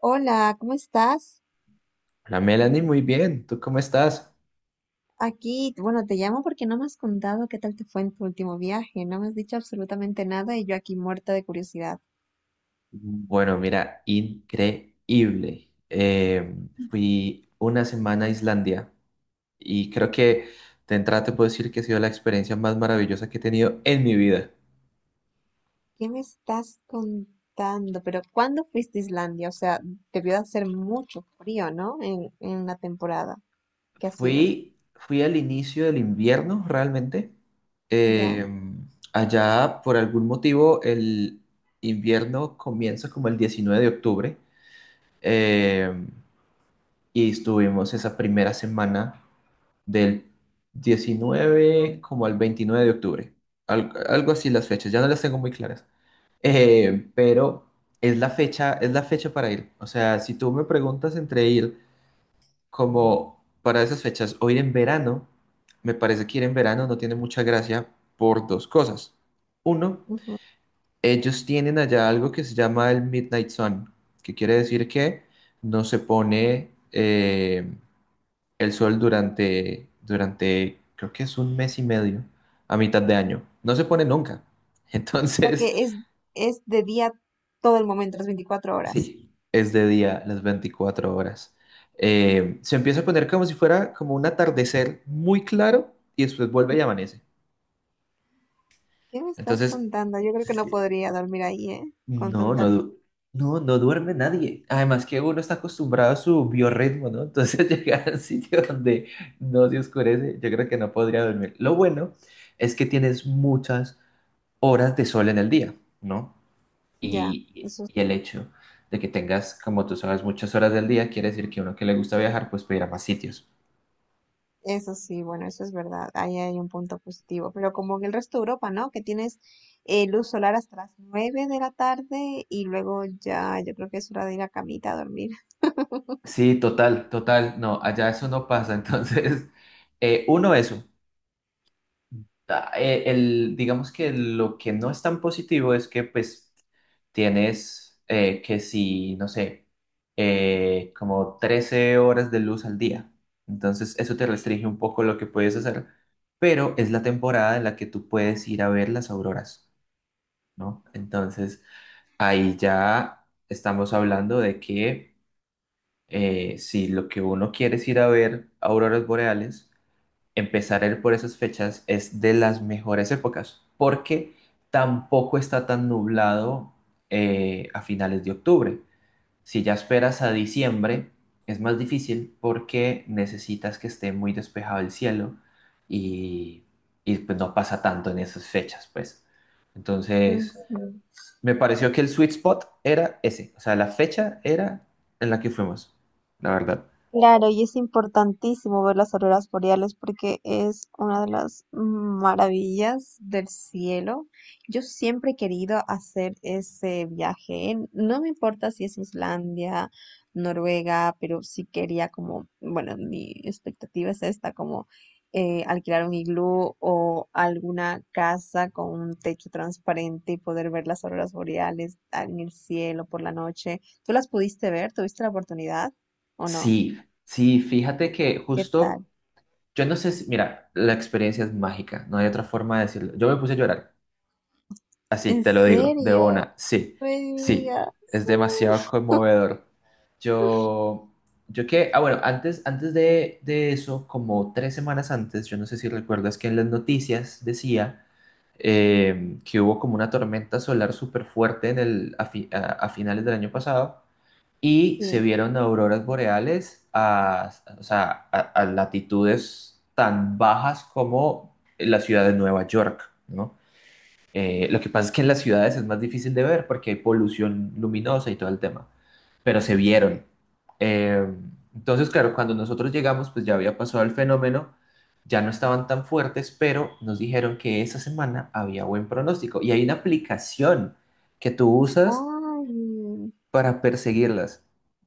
Hola, ¿cómo estás? Hola Melanie, muy bien. ¿Tú cómo estás? Aquí, bueno, te llamo porque no me has contado qué tal te fue en tu último viaje, no me has dicho absolutamente nada y yo aquí muerta de curiosidad. Bueno, mira, increíble. Fui una semana a Islandia y creo que de entrada te puedo decir que ha sido la experiencia más maravillosa que he tenido en mi vida. ¿Qué me estás contando? Pero ¿cuándo fuiste a Islandia? O sea, debió de hacer mucho frío, ¿no? En la temporada que ha sido, Fui al inicio del invierno realmente. ¿ya? Eh, allá, por algún motivo, el invierno comienza como el 19 de octubre. Eh, y estuvimos esa primera semana, del 19 como al 29 de octubre. Algo así las fechas, ya no las tengo muy claras. Pero es la fecha para ir. O sea, si tú me preguntas entre ir como para esas fechas o ir en verano, me parece que ir en verano no tiene mucha gracia por dos cosas. Uno, Ujú. ellos tienen allá algo que se llama el Midnight Sun, que quiere decir que no se pone el sol creo que es un mes y medio, a mitad de año. No se pone nunca. O sea Entonces, que es de día todo el momento, las 24 horas. sí, es de día las 24 horas. Se empieza a poner como si fuera como un atardecer muy claro y después vuelve y amanece. ¿Qué me estás Entonces, contando? Yo creo que no sí, podría dormir ahí, ¿eh? Con no, tanta no, luz. du- no duerme nadie. Además que uno está acostumbrado a su biorritmo, ¿no? Entonces llegar al sitio donde no se oscurece, yo creo que no podría dormir. Lo bueno es que tienes muchas horas de sol en el día, ¿no? Ya, Y, eso y el hecho de que tengas, como tú sabes, muchas horas del día, quiere decir que uno que le gusta viajar, pues puede ir a más sitios. Eso sí, bueno, eso es verdad. Ahí hay un punto positivo. Pero como en el resto de Europa, ¿no? Que tienes luz solar hasta las 9 de la tarde y luego ya yo creo que es hora de ir a camita a dormir. Sí, total, total. No, allá eso no pasa. Entonces, uno, eso. Ah, el, digamos que lo que no es tan positivo es que pues tienes que si, no sé, como 13 horas de luz al día. Entonces eso te restringe un poco lo que puedes hacer, pero es la temporada en la que tú puedes ir a ver las auroras, ¿no? Entonces ahí ya estamos hablando de que si lo que uno quiere es ir a ver auroras boreales, empezar a ir por esas fechas es de las mejores épocas, porque tampoco está tan nublado a finales de octubre. Si ya esperas a diciembre, es más difícil porque necesitas que esté muy despejado el cielo y, pues no pasa tanto en esas fechas, pues. Entonces, Ujú. me pareció que el sweet spot era ese, o sea, la fecha era en la que fuimos, la verdad. Claro, y es importantísimo ver las auroras boreales porque es una de las maravillas del cielo. Yo siempre he querido hacer ese viaje. No me importa si es Islandia, Noruega, pero sí quería como, bueno, mi expectativa es esta, como alquilar un iglú o alguna casa con un techo transparente y poder ver las auroras boreales en el cielo por la noche. ¿Tú las pudiste ver? ¿Tuviste la oportunidad o no? Sí, sí, fíjate que ¿Qué justo. tal? Yo no sé si, mira, la experiencia es mágica, no hay otra forma de decirlo. Yo me puse a llorar, así, ¿En te lo digo, de serio? una, sí, No me sí, diga. es demasiado conmovedor. Yo, yo que, ah, bueno, antes, antes de eso, como 3 semanas antes, yo no sé si recuerdas que en las noticias decía que hubo como una tormenta solar súper fuerte en el, a, fi- a finales del año pasado y se Sí. vieron auroras boreales o sea, a latitudes tan bajas como la ciudad de Nueva York, ¿no? Lo que pasa es que en las ciudades es más difícil de ver porque hay polución luminosa y todo el tema, pero se vieron. Eh, entonces, claro, cuando nosotros llegamos, pues ya había pasado el fenómeno, ya no estaban tan fuertes, pero nos dijeron que esa semana había buen pronóstico y hay una aplicación que tú usas Ay, para perseguirlas.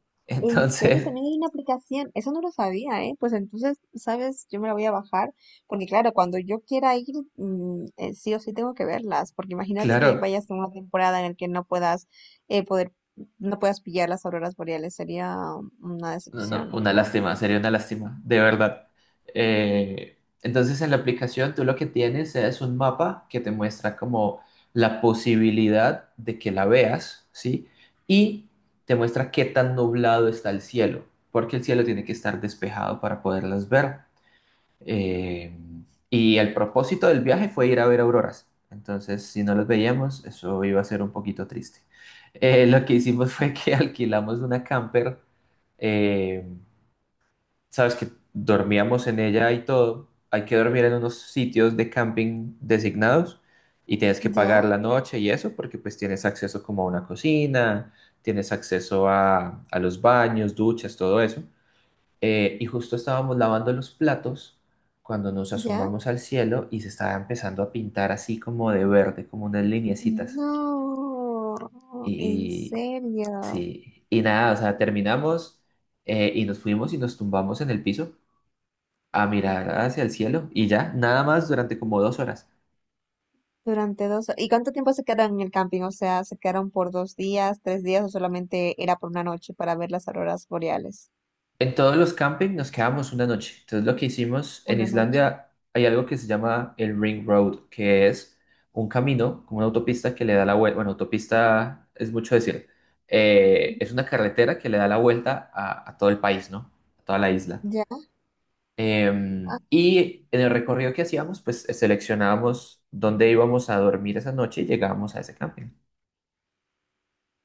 ¿en serio? Entonces, También hay una aplicación. Eso no lo sabía, ¿eh? Pues entonces, ¿sabes? Yo me la voy a bajar. Porque claro, cuando yo quiera ir, sí o sí tengo que verlas. Porque imagínate claro, que vayas a una temporada en la que no puedas eh, poder, no puedas pillar las auroras boreales. Sería una no, no, decepción, ¿no? Sería una lástima, de verdad. Entonces en la aplicación tú lo que tienes es un mapa que te muestra como la posibilidad de que la veas, ¿sí? Y te muestra qué tan nublado está el cielo, porque el cielo tiene que estar despejado para poderlas ver. Eh, y el propósito del viaje fue ir a ver auroras. Entonces, si no las veíamos, eso iba a ser un poquito triste. Lo que hicimos fue que alquilamos una camper. eh, sabes que dormíamos en ella y todo. Hay que dormir en unos sitios de camping designados y tienes que ¿Ya? pagar la noche y eso porque pues tienes acceso como a una cocina, tienes acceso a los baños, duchas, todo eso. Y justo estábamos lavando los platos cuando nos ¿Ya? asomamos al cielo y se estaba empezando a pintar así como de verde, como unas lineecitas. No, en Y serio. sí, y nada, o sea, terminamos y nos fuimos y nos tumbamos en el piso a mirar hacia el cielo y ya, nada más durante como 2 horas. Durante dos... ¿Y cuánto tiempo se quedaron en el camping? O sea, ¿se quedaron por dos días, tres días o solamente era por una noche para ver las auroras boreales? En todos los campings nos quedamos una noche. Entonces lo que hicimos en Una noche. Islandia, hay algo que se llama el Ring Road, que es un camino, como una autopista que le da la vuelta. Bueno, autopista es mucho decir. Es una carretera que le da la vuelta a todo el país, ¿no? A toda la isla. ¿Ya? Y en el recorrido que hacíamos, pues seleccionábamos dónde íbamos a dormir esa noche y llegábamos a ese camping.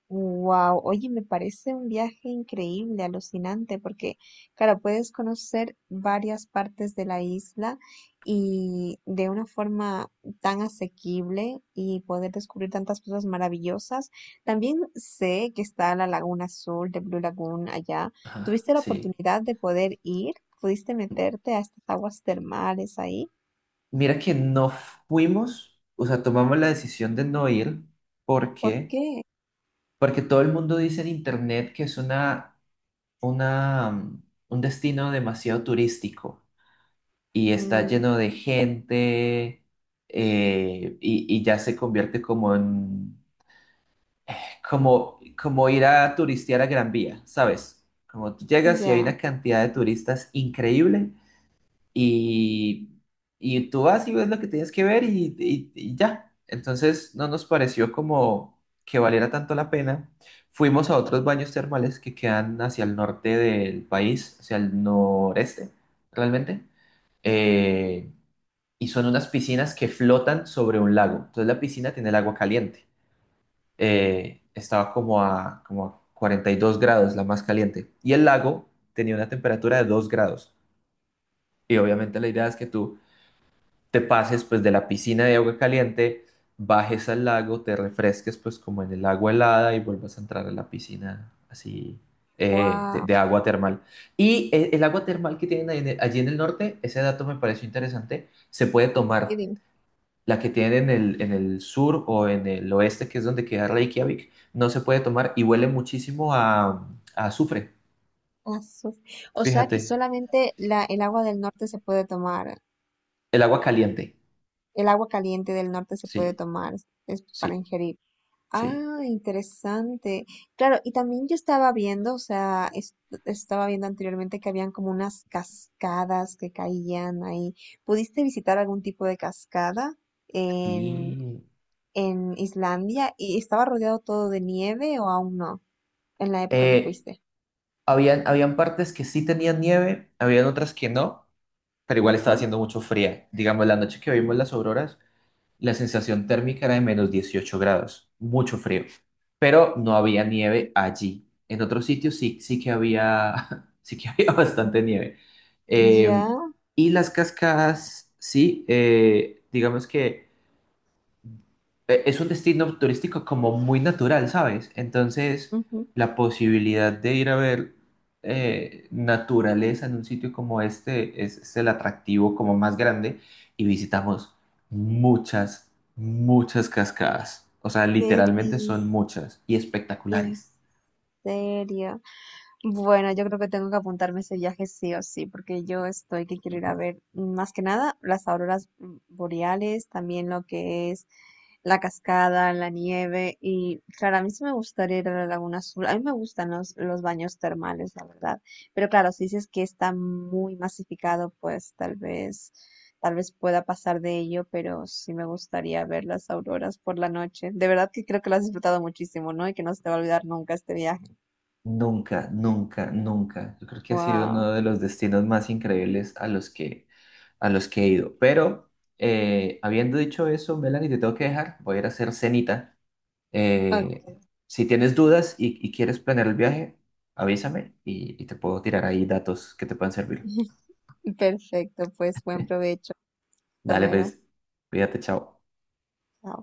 Wow, oye, me parece un viaje increíble, alucinante, porque, claro, puedes conocer varias partes de la isla y de una forma tan asequible y poder descubrir tantas cosas maravillosas. También sé que está la Laguna Azul de Blue Lagoon allá. Ajá, ¿Tuviste la sí. oportunidad de poder ir? ¿Pudiste meterte a estas aguas termales ahí? Mira que no fuimos, o sea, tomamos la decisión de no ir ¿Por porque qué? Porque todo el mundo dice en internet que es una, mm, un destino demasiado turístico y está Mm, lleno de gente, y ya se convierte como ir a turistear a Gran Vía, ¿sabes? Como tú llegas y hay ya. una cantidad de turistas increíble y, y tú vas y ves lo que tienes que ver y ya. Entonces no nos pareció como que valiera tanto la pena. Fuimos a otros baños termales que quedan hacia el norte del país, hacia el noreste, realmente. Eh, y son unas piscinas que flotan sobre un lago. Entonces la piscina tiene el agua caliente. Estaba como a 42 grados, la más caliente. Y el lago tenía una temperatura de 2 grados. Y obviamente la idea es que tú te pases pues de la piscina de agua caliente, bajes al lago, te refresques pues como en el agua helada y vuelvas a entrar a la piscina así, eh, de, Wow. de agua termal. Y el agua termal que tienen ahí allí en el norte, ese dato me pareció interesante, se puede tomar. La que tienen en el sur o en el oeste, que es donde queda Reykjavik, no se puede tomar y huele muchísimo a azufre. Azuf. O sea que Fíjate, solamente la, el agua del norte se puede tomar, el agua caliente. el agua caliente del norte se puede Sí, tomar, es para sí, ingerir. sí. Ah, interesante. Claro, y también yo estaba viendo, o sea, es estaba viendo anteriormente que habían como unas cascadas que caían ahí. ¿Pudiste visitar algún tipo de cascada en, Sí. en Islandia? ¿Y estaba rodeado todo de nieve o aún no? En la época que Eh, fuiste. habían partes que sí tenían nieve, habían otras que no, pero igual estaba Ajá. haciendo mucho fría. Digamos, la noche que vimos las auroras, la sensación térmica era de -18 grados, mucho frío, pero no había nieve allí. En otros sitios sí, sí que había, sí que había Mm, bastante nieve. ya. Eh, y las cascadas, sí, digamos que es un destino turístico como muy natural, ¿sabes? Entonces, la posibilidad de ir a ver naturaleza en un sitio como este es el atractivo como más grande, y visitamos muchas, muchas cascadas. O sea, ¿Qué literalmente son dis muchas y en espectaculares. serio? Bueno, yo creo que tengo que apuntarme ese viaje sí o sí, porque yo estoy que quiero ir a ver más que nada las auroras boreales, también lo que es la cascada, la nieve y claro, a mí sí me gustaría ir a la Laguna Azul, a mí me gustan los baños termales, la verdad, pero claro, si dices que está muy masificado, pues tal vez pueda pasar de ello, pero sí me gustaría ver las auroras por la noche. De verdad que creo que lo has disfrutado muchísimo, ¿no? Y que no se te va a olvidar nunca este viaje. Nunca, nunca, nunca. Yo creo que ha sido Wow. uno de los destinos más increíbles a los que he ido. Pero habiendo dicho eso, Melanie, te tengo que dejar. Voy a ir a hacer cenita. Eh, si tienes dudas y quieres planear el viaje, avísame y te puedo tirar ahí datos que te puedan servir. Perfecto, pues buen provecho. Hasta Dale, luego. pues, cuídate, chao. Chao.